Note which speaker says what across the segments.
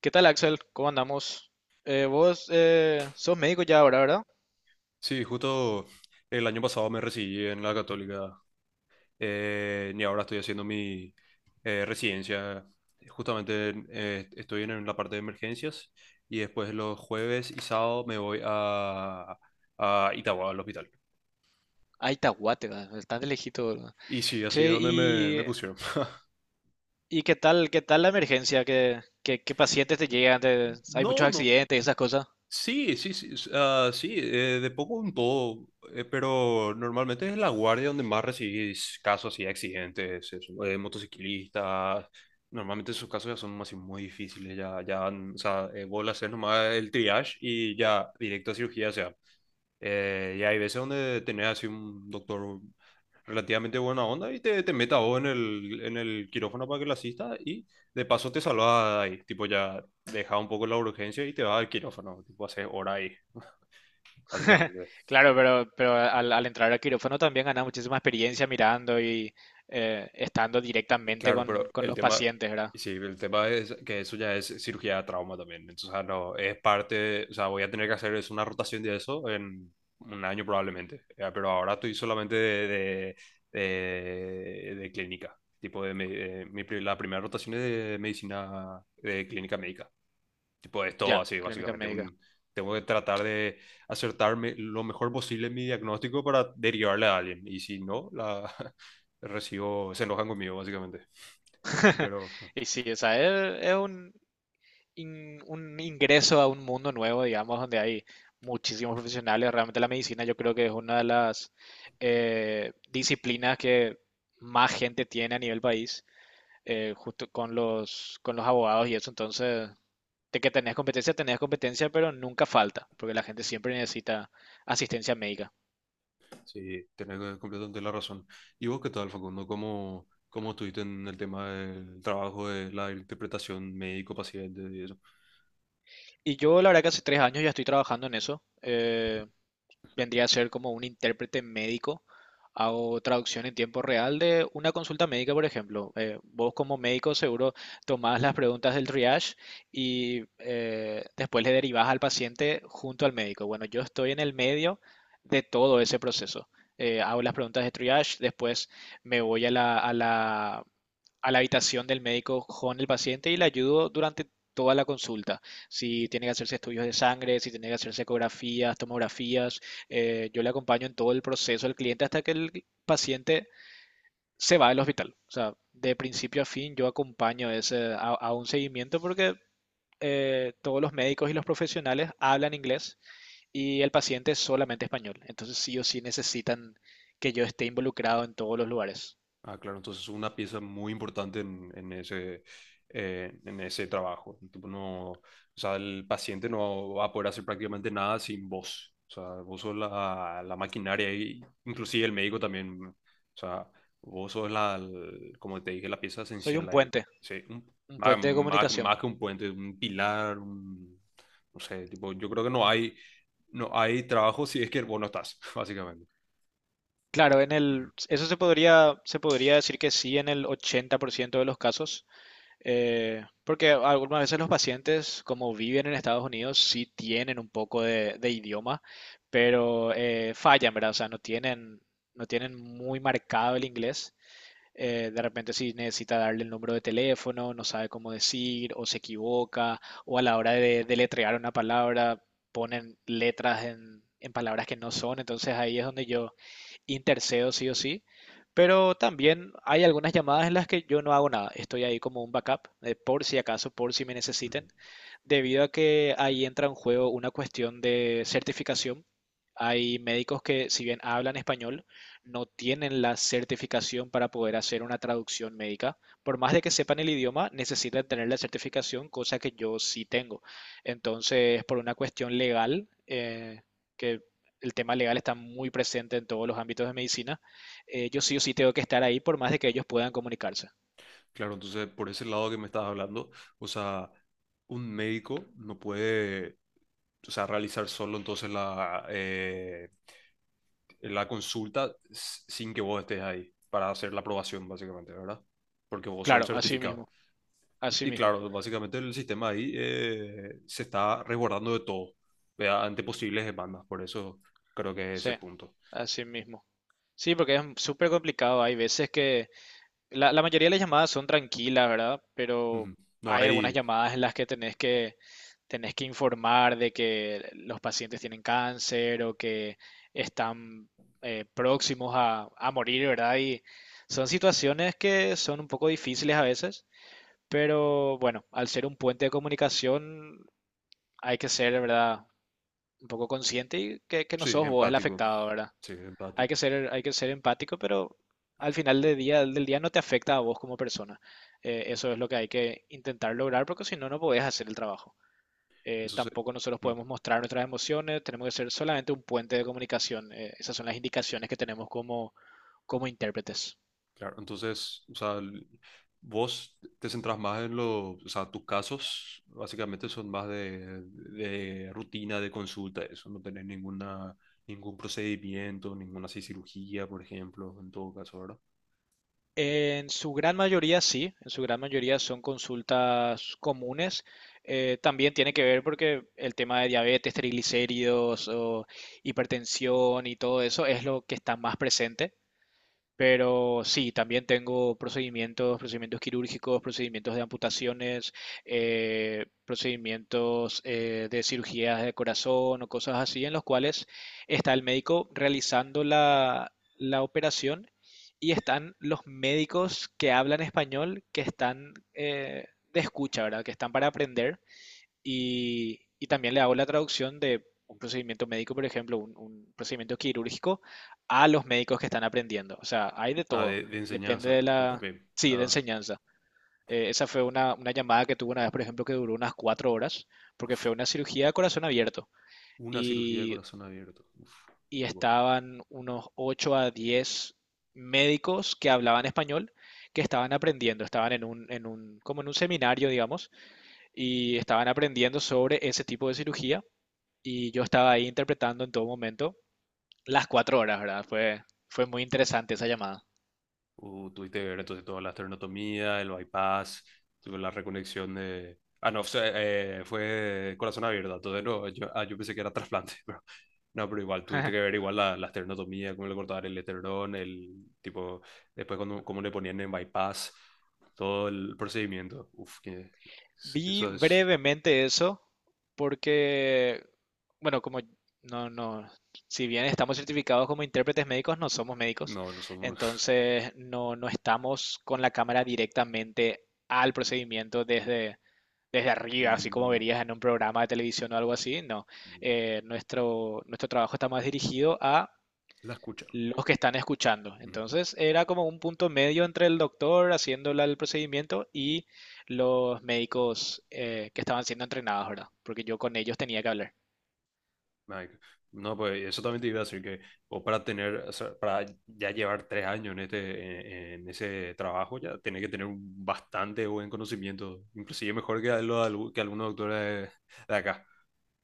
Speaker 1: ¿Qué tal, Axel? ¿Cómo andamos? Vos sos médico ya ahora, ¿verdad?
Speaker 2: Sí, justo el año pasado me recibí en la Católica, y ahora estoy haciendo mi residencia. Justamente estoy en la parte de emergencias y después los jueves y sábado me voy a Itagua, al hospital.
Speaker 1: Ay, Tahuate, ¿verdad? Estás de lejito, ¿verdad?
Speaker 2: Y sí, así es
Speaker 1: Che,
Speaker 2: donde me, me pusieron.
Speaker 1: ¿y qué tal la emergencia? ¿Qué, qué pacientes te llegan? ¿Hay
Speaker 2: No,
Speaker 1: muchos
Speaker 2: no.
Speaker 1: accidentes, esas cosas?
Speaker 2: Sí, sí, sí, ah, sí, de poco en todo, pero normalmente es en la guardia donde más recibís casos así de accidentes, eso, motociclistas, normalmente esos casos ya son así muy difíciles, ya, ya, o sea, vos le haces nomás el triage y ya directo a cirugía. O sea, y hay veces donde tenés así un doctor relativamente buena onda y te meta a vos en el quirófano para que le asista, y de paso te salvas ahí. Tipo, ya deja un poco la urgencia y te vas al quirófano. Tipo, haces hora ahí, básicamente.
Speaker 1: Claro, pero al entrar a quirófano también ganas muchísima experiencia mirando y estando directamente
Speaker 2: Claro, pero
Speaker 1: con
Speaker 2: el
Speaker 1: los
Speaker 2: tema,
Speaker 1: pacientes, ¿verdad?
Speaker 2: sí, el tema es que eso ya es cirugía de trauma también. Entonces, o sea, no, es parte, o sea, voy a tener que hacer es una rotación de eso en un año probablemente. Ya. Pero ahora estoy solamente de clínica. Tipo, de, me- de mi, pri- la primera rotación es de medicina, de clínica médica. Tipo, es todo
Speaker 1: Ya,
Speaker 2: así,
Speaker 1: clínica
Speaker 2: básicamente.
Speaker 1: médica.
Speaker 2: Tengo que tratar de acertarme lo mejor posible en mi diagnóstico para derivarle a alguien. Y si no, la recibo, se enojan conmigo, básicamente. Pero
Speaker 1: Y sí, o sea, es un un ingreso a un mundo nuevo, digamos, donde hay muchísimos profesionales. Realmente la medicina yo creo que es una de las disciplinas que más gente tiene a nivel país, justo con con los abogados y eso. Entonces, de que tenés competencia, pero nunca falta, porque la gente siempre necesita asistencia médica.
Speaker 2: sí, tenés completamente la razón. ¿Y vos qué tal, Facundo? ¿Cómo estuviste en el tema del trabajo de la interpretación médico-paciente y eso?
Speaker 1: Y yo, la verdad que hace 3 años ya estoy trabajando en eso. Vendría a ser como un intérprete médico. Hago traducción en tiempo real de una consulta médica, por ejemplo. Vos como médico seguro tomás las preguntas del triage y después le derivás al paciente junto al médico. Bueno, yo estoy en el medio de todo ese proceso. Hago las preguntas de triage, después me voy a a la habitación del médico con el paciente y le ayudo durante toda la consulta. Si tiene que hacerse estudios de sangre, si tiene que hacerse ecografías, tomografías yo le acompaño en todo el proceso al cliente hasta que el paciente se va del hospital. O sea, de principio a fin yo acompaño ese, a un seguimiento porque todos los médicos y los profesionales hablan inglés y el paciente es solamente español. Entonces sí o sí necesitan que yo esté involucrado en todos los lugares.
Speaker 2: Ah, claro, entonces es una pieza muy importante en ese trabajo. Tipo, no, o sea, el paciente no va a poder hacer prácticamente nada sin vos. O sea, vos sos la maquinaria y inclusive el médico también. O sea, vos sos como te dije, la pieza
Speaker 1: Soy
Speaker 2: esencial ahí. Sí.
Speaker 1: un
Speaker 2: Más,
Speaker 1: puente de
Speaker 2: más-
Speaker 1: comunicación.
Speaker 2: más que un puente, un pilar. No sé, tipo, yo creo que no hay trabajo si es que vos no estás, básicamente.
Speaker 1: Claro, en el, eso se podría decir que sí en el 80% de los casos. Porque algunas veces los pacientes, como viven en Estados Unidos, sí tienen un poco de idioma, pero fallan, ¿verdad? O sea, no tienen, no tienen muy marcado el inglés de repente si necesita darle el número de teléfono, no sabe cómo decir, o se equivoca, o a la hora de deletrear una palabra, ponen letras en palabras que no son, entonces ahí es donde yo intercedo sí o sí. Pero también hay algunas llamadas en las que yo no hago nada, estoy ahí como un backup, por si acaso, por si me
Speaker 2: Ujú.
Speaker 1: necesiten, debido a que ahí entra en juego una cuestión de certificación. Hay médicos que si bien hablan español, no tienen la certificación para poder hacer una traducción médica. Por más de que sepan el idioma, necesitan tener la certificación, cosa que yo sí tengo. Entonces, por una cuestión legal, que el tema legal está muy presente en todos los ámbitos de medicina, yo sí o sí tengo que estar ahí por más de que ellos puedan comunicarse.
Speaker 2: Claro, entonces por ese lado que me estabas hablando, o sea, un médico no puede, o sea, realizar solo entonces la consulta sin que vos estés ahí para hacer la aprobación, básicamente, ¿verdad? Porque vos sos el
Speaker 1: Claro, así
Speaker 2: certificado.
Speaker 1: mismo, así
Speaker 2: Y
Speaker 1: mismo,
Speaker 2: claro, básicamente el sistema ahí se está resguardando de todo, ¿verdad?, ante posibles demandas. Por eso creo que es
Speaker 1: sí,
Speaker 2: ese punto.
Speaker 1: así mismo. Sí, porque es súper complicado. Hay veces que la mayoría de las llamadas son tranquilas, ¿verdad? Pero
Speaker 2: Ujú. No
Speaker 1: hay algunas
Speaker 2: hay.
Speaker 1: llamadas en las que tenés que informar de que los pacientes tienen cáncer o que están próximos a morir, ¿verdad? Y son situaciones que son un poco difíciles a veces, pero bueno, al ser un puente de comunicación hay que ser, ¿verdad? Un poco consciente y que no
Speaker 2: Sí,
Speaker 1: sos vos el
Speaker 2: empático.
Speaker 1: afectado, ¿verdad?
Speaker 2: Sí, empático.
Speaker 1: Hay que ser empático, pero al final del día no te afecta a vos como persona. Eso es lo que hay que intentar lograr, porque si no, no podés hacer el trabajo.
Speaker 2: Entonces,
Speaker 1: Tampoco nosotros podemos mostrar nuestras emociones, tenemos que ser solamente un puente de comunicación. Esas son las indicaciones que tenemos como intérpretes.
Speaker 2: Claro, entonces, o sea, vos te centras más en los, o sea, tus casos básicamente son más de rutina, de consulta, eso. No tenés ningún procedimiento, ninguna así cirugía, por ejemplo, en todo caso, ¿verdad?
Speaker 1: En su gran mayoría sí, en su gran mayoría son consultas comunes. También tiene que ver porque el tema de diabetes, triglicéridos o hipertensión y todo eso es lo que está más presente. Pero sí, también tengo procedimientos, procedimientos quirúrgicos, procedimientos de amputaciones, procedimientos de cirugías de corazón o cosas así, en los cuales está el médico realizando la operación y están los médicos que hablan español, que están de escucha, ¿verdad? Que están para aprender y también le hago la traducción de un procedimiento médico, por ejemplo, un procedimiento quirúrgico, a los médicos que están aprendiendo. O sea, hay de
Speaker 2: Ah,
Speaker 1: todo.
Speaker 2: de
Speaker 1: Depende
Speaker 2: enseñanza, o
Speaker 1: de
Speaker 2: sea,
Speaker 1: la,
Speaker 2: también.
Speaker 1: sí, de
Speaker 2: Ah,
Speaker 1: enseñanza. Esa fue una llamada que tuve una vez, por ejemplo, que duró unas 4 horas, porque
Speaker 2: uf,
Speaker 1: fue una cirugía de corazón abierto.
Speaker 2: una cirugía de
Speaker 1: Y,
Speaker 2: corazón abierto. Uf,
Speaker 1: y
Speaker 2: tipo.
Speaker 1: estaban unos 8 a 10 médicos que hablaban español, que estaban aprendiendo, estaban en un, como en un seminario, digamos, y estaban aprendiendo sobre ese tipo de cirugía y yo estaba ahí interpretando en todo momento las 4 horas, ¿verdad? Fue muy interesante esa llamada.
Speaker 2: Tuviste que ver entonces toda la esternotomía, el bypass, tuve la reconexión de... Ah, no. o Fue corazón abierto, entonces no, yo pensé que era trasplante, pero no, pero igual tuviste que ver igual la esternotomía, cómo le cortaban el esternón, el tipo, después cómo le ponían en bypass, todo el procedimiento. Uf, que
Speaker 1: Vi
Speaker 2: eso es...
Speaker 1: brevemente eso porque, bueno, como no, no, si bien estamos certificados como intérpretes médicos, no somos médicos,
Speaker 2: No, no somos...
Speaker 1: entonces no estamos con la cámara directamente al procedimiento desde arriba, así como
Speaker 2: Mm,
Speaker 1: verías en un programa de televisión o algo así, no. Nuestro trabajo está más dirigido a
Speaker 2: la escucha.
Speaker 1: los que están escuchando.
Speaker 2: Mm.
Speaker 1: Entonces era como un punto medio entre el doctor haciéndole el procedimiento y los médicos que estaban siendo entrenados, ¿verdad? Porque yo con ellos tenía que hablar.
Speaker 2: Mike. No, pues eso también te iba a decir que vos, para tener, o sea, para ya llevar 3 años en este, en ese trabajo, ya tenés que tener un bastante buen conocimiento, inclusive mejor que algunos doctores de acá,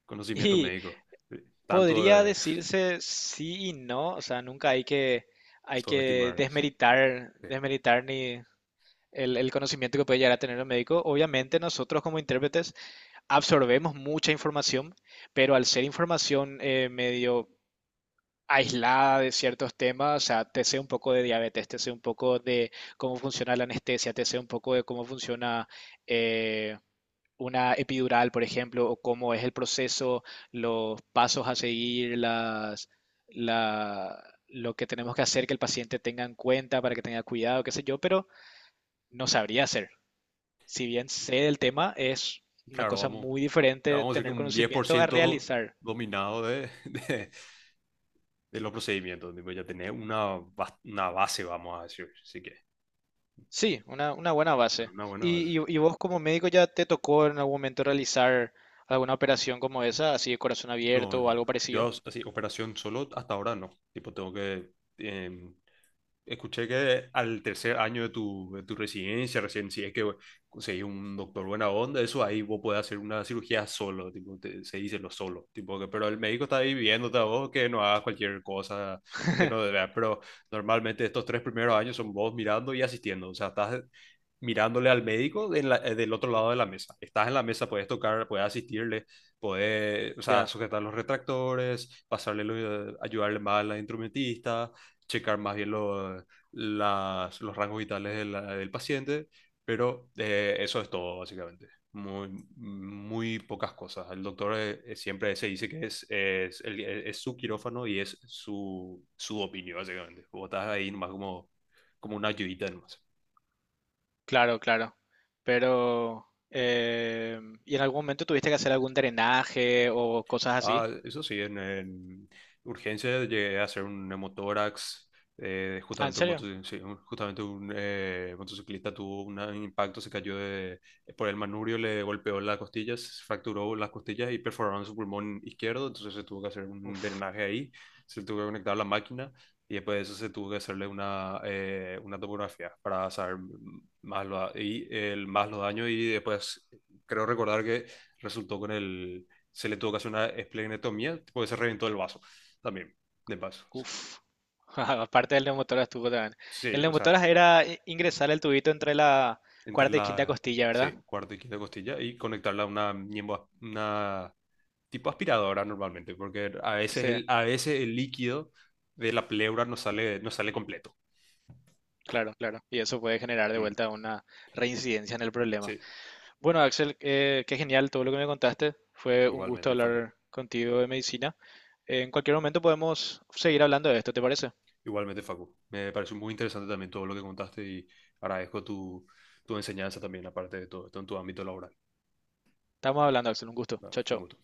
Speaker 2: conocimiento
Speaker 1: Y
Speaker 2: médico, tanto
Speaker 1: podría
Speaker 2: de...
Speaker 1: decirse sí y no, o sea, nunca hay que
Speaker 2: Subestimar. Sí.
Speaker 1: desmeritar, desmeritar ni el conocimiento que puede llegar a tener el médico. Obviamente nosotros como intérpretes absorbemos mucha información, pero al ser información medio aislada de ciertos temas, o sea, te sé un poco de diabetes, te sé un poco de cómo funciona la anestesia, te sé un poco de cómo funciona eh, una epidural, por ejemplo, o cómo es el proceso, los pasos a seguir, las, la, lo que tenemos que hacer que el paciente tenga en cuenta para que tenga cuidado, qué sé yo, pero no sabría hacer. Si bien sé del tema, es una
Speaker 2: Claro,
Speaker 1: cosa
Speaker 2: vamos,
Speaker 1: muy diferente
Speaker 2: vamos a decir que
Speaker 1: tener
Speaker 2: un diez por
Speaker 1: conocimiento a
Speaker 2: ciento
Speaker 1: realizar.
Speaker 2: dominado de los procedimientos, tipo, ya tenés una base, vamos a decir, así que
Speaker 1: Sí, una buena base.
Speaker 2: una buena base.
Speaker 1: Y vos como médico ya te tocó en algún momento realizar alguna operación como esa, así de corazón
Speaker 2: No,
Speaker 1: abierto o
Speaker 2: no.
Speaker 1: algo
Speaker 2: Yo
Speaker 1: parecido?
Speaker 2: así, operación solo hasta ahora no. Tipo, tengo que. Escuché que al tercer año de tu residencia, recién si es que conseguís un doctor buena onda, eso ahí vos podés hacer una cirugía solo. Tipo, se dice lo solo, tipo que, pero el médico está ahí viéndote a vos que no hagas cualquier cosa que no debas. Pero normalmente estos 3 primeros años son vos mirando y asistiendo, o sea, estás mirándole al médico en del otro lado de la mesa, estás en la mesa, puedes tocar, puedes asistirle, puedes, o sea,
Speaker 1: Ya,
Speaker 2: sujetar los retractores, pasarle, ayudarle más a la instrumentista, checar más bien los rangos vitales del paciente, pero eso es todo, básicamente. Muy, muy pocas cosas. El doctor siempre se dice que es su quirófano y es su opinión, básicamente. Vos estás ahí nomás como, una ayudita nomás.
Speaker 1: claro, claro. Pero, ¿y en algún momento tuviste que hacer algún drenaje o cosas así?
Speaker 2: Ah, eso sí, en urgencia llegué a hacer un hemotórax.
Speaker 1: Ah, ¿en
Speaker 2: Justamente un,
Speaker 1: serio?
Speaker 2: sí, justamente un, motociclista tuvo un impacto, se cayó por el manubrio, le golpeó las costillas, se fracturó las costillas y perforaron su pulmón izquierdo. Entonces se tuvo que hacer un
Speaker 1: Uf,
Speaker 2: drenaje ahí, se tuvo que conectar la máquina y después de eso se tuvo que hacerle una tomografía para saber más los daños. Y después creo recordar que resultó con el se le tuvo que hacer una esplenectomía porque se reventó el vaso también, de paso.
Speaker 1: uf. Aparte del neumotórax estuvo también.
Speaker 2: Sí,
Speaker 1: El
Speaker 2: o sea,
Speaker 1: neumotórax era ingresar el tubito entre la
Speaker 2: entre
Speaker 1: cuarta y quinta
Speaker 2: la,
Speaker 1: costilla, ¿verdad?
Speaker 2: sí, cuarta y quinta costilla, y conectarla a una tipo aspiradora normalmente, porque a veces
Speaker 1: Sí,
Speaker 2: el, a veces el líquido de la pleura no sale, no sale completo.
Speaker 1: claro, claro. Y eso puede generar de
Speaker 2: Mm,
Speaker 1: vuelta una reincidencia en el problema.
Speaker 2: sí,
Speaker 1: Bueno, Axel, qué genial todo lo que me contaste. Fue un gusto
Speaker 2: igualmente, Facu.
Speaker 1: hablar contigo de medicina. En cualquier momento podemos seguir hablando de esto, ¿te parece?
Speaker 2: Igualmente, Facu. Me pareció muy interesante también todo lo que contaste y agradezco tu enseñanza también, aparte de todo esto, en tu ámbito laboral.
Speaker 1: Estamos hablando, Axel, un gusto.
Speaker 2: Ah,
Speaker 1: Chao,
Speaker 2: un
Speaker 1: chao.
Speaker 2: gusto.